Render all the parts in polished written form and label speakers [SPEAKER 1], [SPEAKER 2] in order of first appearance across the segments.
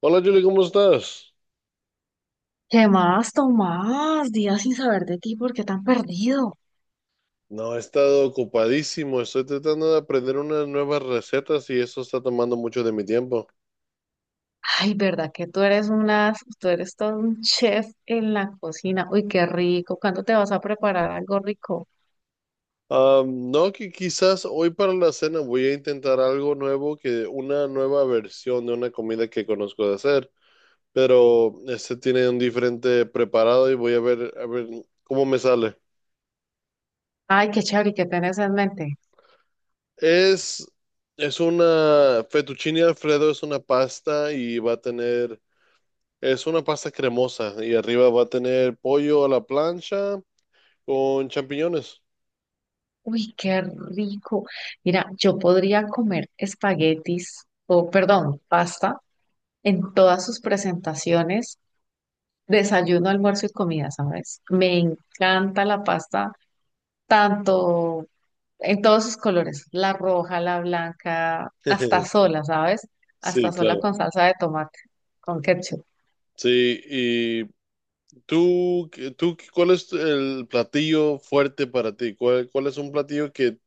[SPEAKER 1] Hola Julie, ¿cómo estás?
[SPEAKER 2] ¿Qué más, Tomás? Días sin saber de ti, ¿por qué tan perdido?
[SPEAKER 1] No, he estado ocupadísimo, estoy tratando de aprender unas nuevas recetas y eso está tomando mucho de mi tiempo.
[SPEAKER 2] Ay, ¿verdad que tú eres una, tú eres todo un chef en la cocina? Uy, qué rico. ¿Cuándo te vas a preparar algo rico?
[SPEAKER 1] No, que quizás hoy para la cena voy a intentar algo nuevo, que una nueva versión de una comida que conozco de hacer, pero este tiene un diferente preparado y voy a ver, cómo me sale.
[SPEAKER 2] Ay, qué chévere, ¿y qué tienes en mente?
[SPEAKER 1] Es, es una fettuccine Alfredo, es una pasta y va a tener. Es una pasta cremosa y arriba va a tener pollo a la plancha con champiñones.
[SPEAKER 2] Uy, qué rico. Mira, yo podría comer espaguetis o, perdón, pasta en todas sus presentaciones, desayuno, almuerzo y comida, ¿sabes? Me encanta la pasta tanto en todos sus colores, la roja, la blanca, hasta sola, ¿sabes? Hasta
[SPEAKER 1] Sí,
[SPEAKER 2] sola
[SPEAKER 1] claro.
[SPEAKER 2] con salsa de tomate, con ketchup.
[SPEAKER 1] Sí, y tú, ¿cuál es el platillo fuerte para ti? ¿Cuál es un platillo que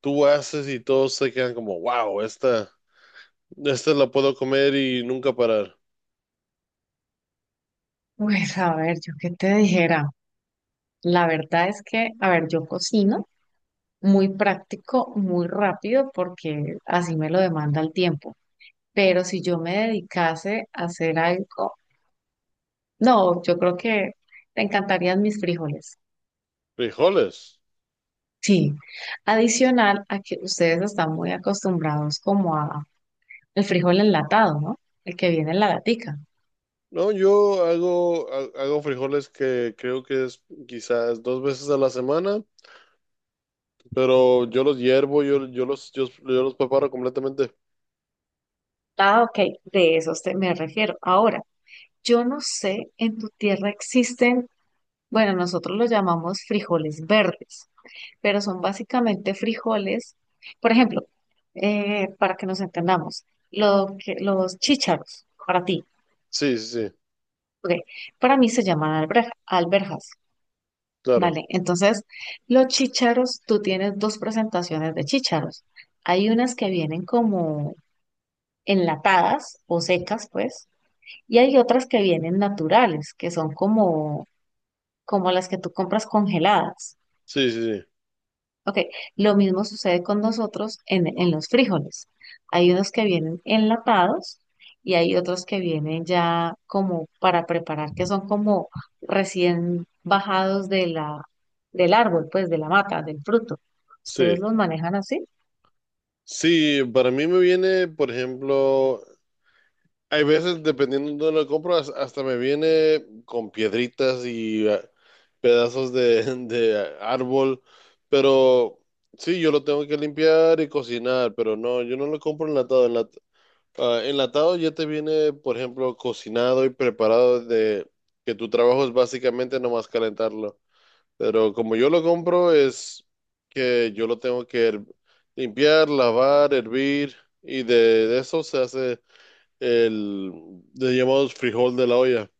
[SPEAKER 1] tú haces y todos se quedan como, wow, esta la puedo comer y nunca parar?
[SPEAKER 2] Pues a ver, yo qué te dijera. La verdad es que, a ver, yo cocino muy práctico, muy rápido, porque así me lo demanda el tiempo. Pero si yo me dedicase a hacer algo, no, yo creo que te encantarían mis frijoles.
[SPEAKER 1] Frijoles.
[SPEAKER 2] Sí, adicional a que ustedes están muy acostumbrados como a el frijol enlatado, ¿no? El que viene en la latica.
[SPEAKER 1] No, hago frijoles que creo que es quizás dos veces a la semana. Pero yo los hiervo, yo los preparo completamente.
[SPEAKER 2] Ah, ok, de esos me refiero. Ahora, yo no sé, en tu tierra existen, bueno, nosotros los llamamos frijoles verdes, pero son básicamente frijoles, por ejemplo, para que nos entendamos, lo que, los chícharos, para ti,
[SPEAKER 1] Sí, sí, sí,
[SPEAKER 2] ok, para mí se llaman alberjas,
[SPEAKER 1] claro.
[SPEAKER 2] ¿vale? Entonces, los chícharos, tú tienes dos presentaciones de chícharos. Hay unas que vienen como enlatadas o secas, pues, y hay otras que vienen naturales, que son como, como las que tú compras congeladas.
[SPEAKER 1] Sí, sí, sí.
[SPEAKER 2] Ok, lo mismo sucede con nosotros en los frijoles. Hay unos que vienen enlatados y hay otros que vienen ya como para preparar, que son como recién bajados de la, del árbol, pues de la mata, del fruto.
[SPEAKER 1] Sí.
[SPEAKER 2] ¿Ustedes los manejan así?
[SPEAKER 1] Sí, para mí me viene, por ejemplo, hay veces, dependiendo de dónde lo compro, hasta me viene con piedritas y ah, pedazos de, de árbol. Pero sí, yo lo tengo que limpiar y cocinar, pero no, yo no lo compro enlatado. Ah, enlatado ya te viene, por ejemplo, cocinado y preparado de que tu trabajo es básicamente nomás calentarlo. Pero como yo lo compro es que yo lo tengo que limpiar, lavar, hervir y de eso se hace el de llamados frijol de la olla.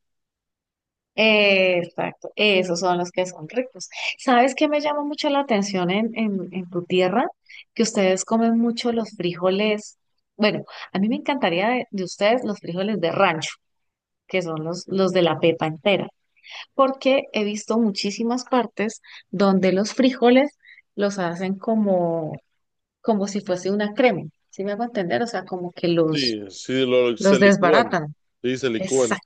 [SPEAKER 2] Exacto, esos son los que son ricos. ¿Sabes qué me llama mucho la atención en tu tierra? Que ustedes comen mucho los frijoles. Bueno, a mí me encantaría de ustedes los frijoles de rancho, que son los de la pepa entera, porque he visto muchísimas partes donde los frijoles los hacen como, como si fuese una crema. ¿Sí me hago entender? O sea, como que los,
[SPEAKER 1] Sí, se
[SPEAKER 2] los
[SPEAKER 1] licúan.
[SPEAKER 2] desbaratan.
[SPEAKER 1] Sí, se licúan.
[SPEAKER 2] Exacto.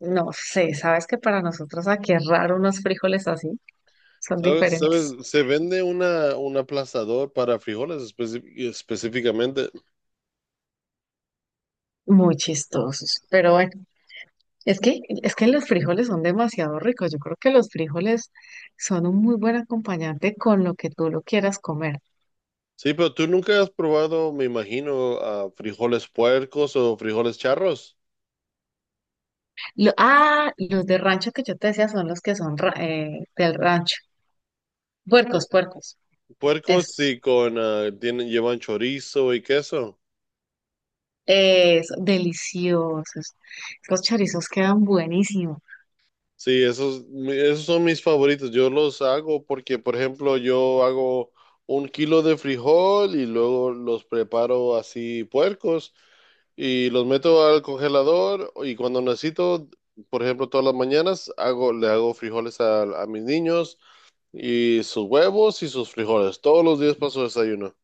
[SPEAKER 2] No sé, sabes que para nosotros aquí es raro unos frijoles así. Son
[SPEAKER 1] ¿Sabes?
[SPEAKER 2] diferentes,
[SPEAKER 1] ¿Sabes? Se vende un aplastador para frijoles específicamente.
[SPEAKER 2] muy chistosos. Pero bueno, es que los frijoles son demasiado ricos. Yo creo que los frijoles son un muy buen acompañante con lo que tú lo quieras comer.
[SPEAKER 1] Sí, pero tú nunca has probado, me imagino, ah, frijoles puercos o frijoles charros.
[SPEAKER 2] Los de rancho que yo te decía son los que son del rancho. Puercos, puercos,
[SPEAKER 1] Puercos
[SPEAKER 2] esos.
[SPEAKER 1] sí, con ah, tienen, llevan chorizo y queso.
[SPEAKER 2] Deliciosos. Los chorizos quedan buenísimos.
[SPEAKER 1] Sí, esos, esos son mis favoritos. Yo los hago porque, por ejemplo, yo hago un kilo de frijol y luego los preparo así puercos y los meto al congelador y cuando necesito, por ejemplo, todas las mañanas hago, le hago frijoles a mis niños. Y sus huevos y sus frijoles. Todos los días paso desayuno.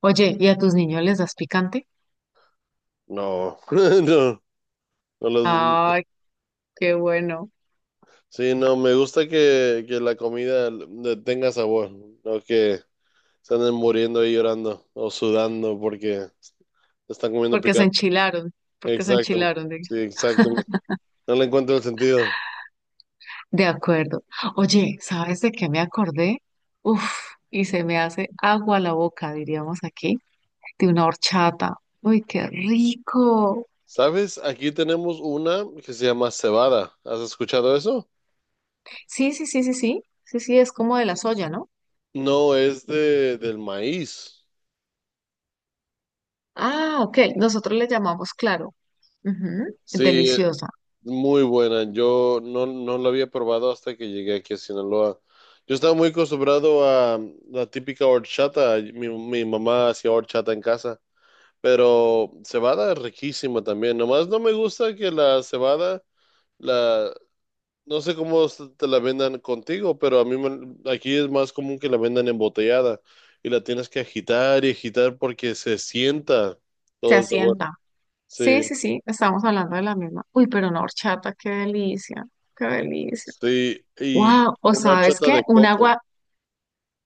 [SPEAKER 2] Oye, ¿y a tus niños les das picante?
[SPEAKER 1] No, no, no los-
[SPEAKER 2] Ay, qué bueno,
[SPEAKER 1] sí, no, me gusta que la comida le tenga sabor, no que se anden muriendo y llorando o sudando porque están comiendo
[SPEAKER 2] porque se
[SPEAKER 1] picante.
[SPEAKER 2] enchilaron, porque se
[SPEAKER 1] Exacto,
[SPEAKER 2] enchilaron.
[SPEAKER 1] sí, exacto. No le encuentro el sentido.
[SPEAKER 2] De acuerdo. Oye, ¿sabes de qué me acordé? Uf, y se me hace agua la boca, diríamos aquí, de una horchata. Uy, qué rico.
[SPEAKER 1] ¿Sabes? Aquí tenemos una que se llama cebada. ¿Has escuchado eso?
[SPEAKER 2] Sí, sí, sí, sí, sí. Sí, sí, es como de la soya, ¿no?
[SPEAKER 1] No, es del maíz.
[SPEAKER 2] Ah, ok. Nosotros le llamamos claro. Ujú,
[SPEAKER 1] Sí,
[SPEAKER 2] deliciosa.
[SPEAKER 1] muy buena. Yo no, No la había probado hasta que llegué aquí a Sinaloa. Yo estaba muy acostumbrado a la típica horchata. Mi mamá hacía horchata en casa, pero cebada es riquísima también. Nomás no me gusta que la cebada, la, no sé cómo te la vendan contigo, pero a mí aquí es más común que la vendan embotellada y la tienes que agitar y agitar porque se sienta
[SPEAKER 2] Se
[SPEAKER 1] todo el sabor.
[SPEAKER 2] asienta. Sí,
[SPEAKER 1] Sí,
[SPEAKER 2] sí, sí. Estamos hablando de la misma. Uy, pero una horchata, qué delicia. Qué delicia.
[SPEAKER 1] sí. Y
[SPEAKER 2] Wow. ¿O
[SPEAKER 1] una
[SPEAKER 2] sabes
[SPEAKER 1] horchata
[SPEAKER 2] qué?
[SPEAKER 1] de coco.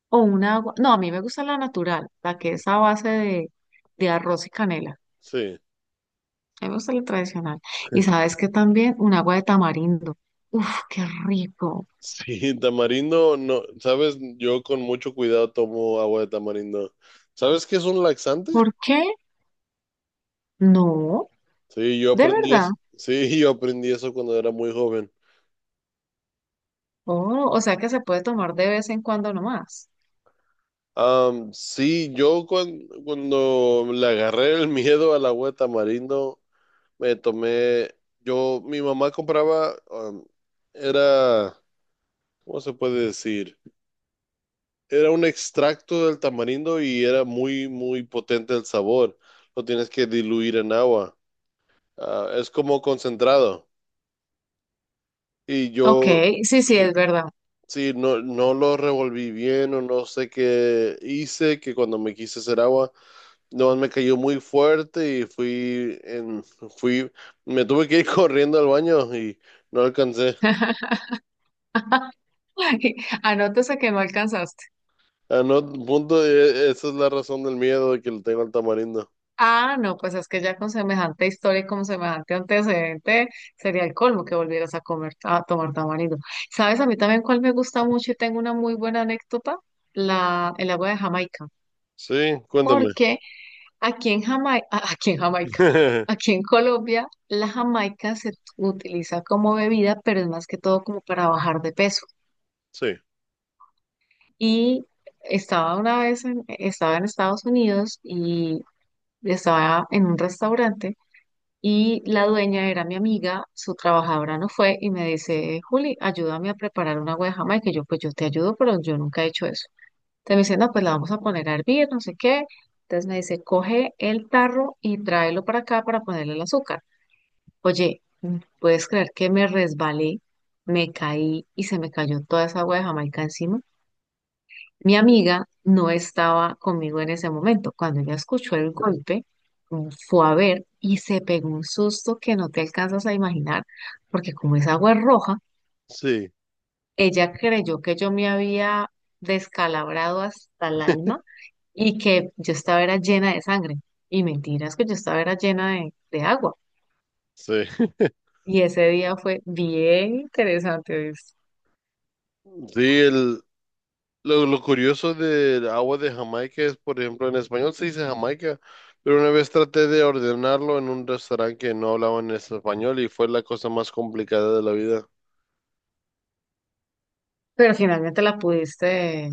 [SPEAKER 2] O una agua. No, a mí me gusta la natural, la que es a base de arroz y canela.
[SPEAKER 1] Sí.
[SPEAKER 2] A mí me gusta la tradicional. Y sabes que también un agua de tamarindo. Uf, qué rico.
[SPEAKER 1] Sí, tamarindo, no, sabes, yo con mucho cuidado tomo agua de tamarindo. ¿Sabes qué es un laxante?
[SPEAKER 2] ¿Por qué? No,
[SPEAKER 1] Sí, yo
[SPEAKER 2] de
[SPEAKER 1] aprendí eso,
[SPEAKER 2] verdad.
[SPEAKER 1] sí, yo aprendí eso cuando era muy joven.
[SPEAKER 2] Oh, o sea que se puede tomar de vez en cuando nomás.
[SPEAKER 1] Sí, yo cuando, le agarré el miedo al agua de tamarindo, me tomé, yo, mi mamá compraba, era, ¿cómo se puede decir? Era un extracto del tamarindo y era muy potente el sabor. Lo tienes que diluir en agua. Ah, es como concentrado. Y
[SPEAKER 2] Ok,
[SPEAKER 1] yo,
[SPEAKER 2] sí, sí,
[SPEAKER 1] sí,
[SPEAKER 2] es verdad.
[SPEAKER 1] sí, no, no lo revolví bien o no sé qué hice, que cuando me quise hacer agua, no, me cayó muy fuerte y fui, me tuve que ir corriendo al baño y no alcancé.
[SPEAKER 2] Anótese que no alcanzaste.
[SPEAKER 1] A no, punto, esa es la razón del miedo de que le tengo al tamarindo.
[SPEAKER 2] Ah, no, pues es que ya con semejante historia y con semejante antecedente sería el colmo que volvieras a comer, a tomar tamarindo. ¿Sabes? A mí también cuál me gusta mucho y tengo una muy buena anécdota, el agua de Jamaica.
[SPEAKER 1] Sí, cuéntame.
[SPEAKER 2] Porque aquí en Jamaica, aquí en Jamaica, aquí en Colombia, la Jamaica se utiliza como bebida, pero es más que todo como para bajar de peso.
[SPEAKER 1] Sí,
[SPEAKER 2] Y estaba en Estados Unidos y estaba en un restaurante. Y la dueña era mi amiga, su trabajadora no fue y me dice, Juli, ayúdame a preparar una agua de Jamaica. Y yo, pues yo te ayudo, pero yo nunca he hecho eso. Entonces me dice, no, pues la vamos a poner a hervir, no sé qué. Entonces me dice, coge el tarro y tráelo para acá para ponerle el azúcar. Oye, ¿puedes creer que me resbalé, me caí y se me cayó toda esa agua de Jamaica encima? Mi amiga no estaba conmigo en ese momento. Cuando ella escuchó el golpe, fue a ver y se pegó un susto que no te alcanzas a imaginar, porque como esa agua es roja,
[SPEAKER 1] sí,
[SPEAKER 2] ella creyó que yo me había descalabrado hasta el alma y que yo estaba era llena de sangre. Y mentiras que yo estaba era llena de agua.
[SPEAKER 1] sí.
[SPEAKER 2] Y ese día fue bien interesante, ¿viste?
[SPEAKER 1] Sí, lo, curioso del agua de Jamaica es, por ejemplo, en español se dice Jamaica, pero una vez traté de ordenarlo en un restaurante que no hablaban español y fue la cosa más complicada de la vida.
[SPEAKER 2] Pero finalmente la pudiste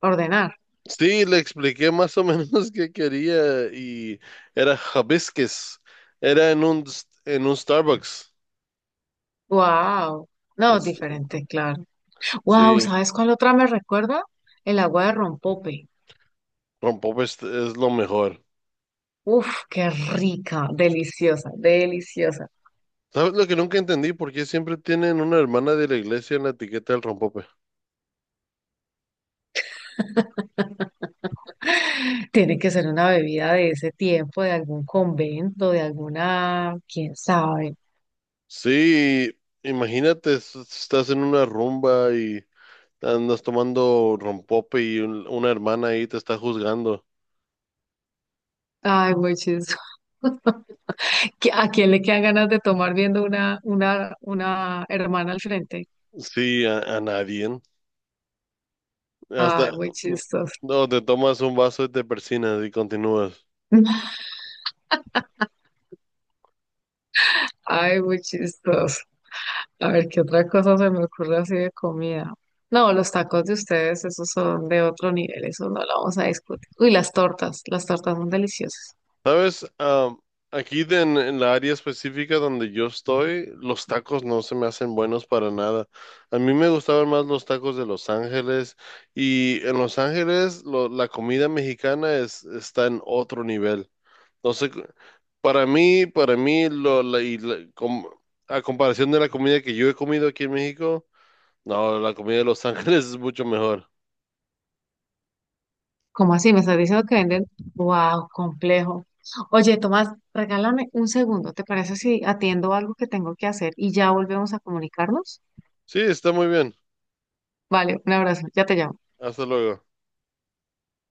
[SPEAKER 2] ordenar.
[SPEAKER 1] Sí, le expliqué más o menos qué quería y era hibiscus. Era en en un Starbucks.
[SPEAKER 2] ¡Wow! No,
[SPEAKER 1] Es-
[SPEAKER 2] diferente, claro. Wow,
[SPEAKER 1] sí,
[SPEAKER 2] ¿sabes cuál otra me recuerda? El agua de rompope.
[SPEAKER 1] con pop es lo mejor.
[SPEAKER 2] Uf, qué rica, deliciosa, deliciosa.
[SPEAKER 1] ¿Sabes lo que nunca entendí? ¿Por qué siempre tienen una hermana de la iglesia en la etiqueta del rompope?
[SPEAKER 2] Tiene que ser una bebida de ese tiempo, de algún convento, de alguna, quién sabe.
[SPEAKER 1] Sí, imagínate, estás en una rumba y andas tomando rompope y una hermana ahí te está juzgando.
[SPEAKER 2] Ay, muy chistoso. ¿A quién le quedan ganas de tomar viendo una hermana al frente?
[SPEAKER 1] Sí, a nadie. Hasta,
[SPEAKER 2] Ay, muy
[SPEAKER 1] no,
[SPEAKER 2] chistoso.
[SPEAKER 1] no, te tomas un vaso y te persinas y continúas.
[SPEAKER 2] Ay, muy chistoso. A ver, ¿qué otra cosa se me ocurre así de comida? No, los tacos de ustedes, esos son de otro nivel, eso no lo vamos a discutir. Uy, las tortas son deliciosas.
[SPEAKER 1] ¿Sabes? Aquí en la área específica donde yo estoy, los tacos no se me hacen buenos para nada. A mí me gustaban más los tacos de Los Ángeles y en Los Ángeles la comida mexicana es, está en otro nivel. Entonces, para mí, lo, la- y la- com- a comparación de la comida que yo he comido aquí en México, no, la comida de Los Ángeles es mucho mejor.
[SPEAKER 2] ¿Cómo así? ¿Me estás diciendo que venden? Wow, complejo. Oye, Tomás, regálame un segundo, ¿te parece si atiendo algo que tengo que hacer y ya volvemos a comunicarnos?
[SPEAKER 1] Sí, está muy bien.
[SPEAKER 2] Vale, un abrazo, ya te llamo.
[SPEAKER 1] Hasta luego.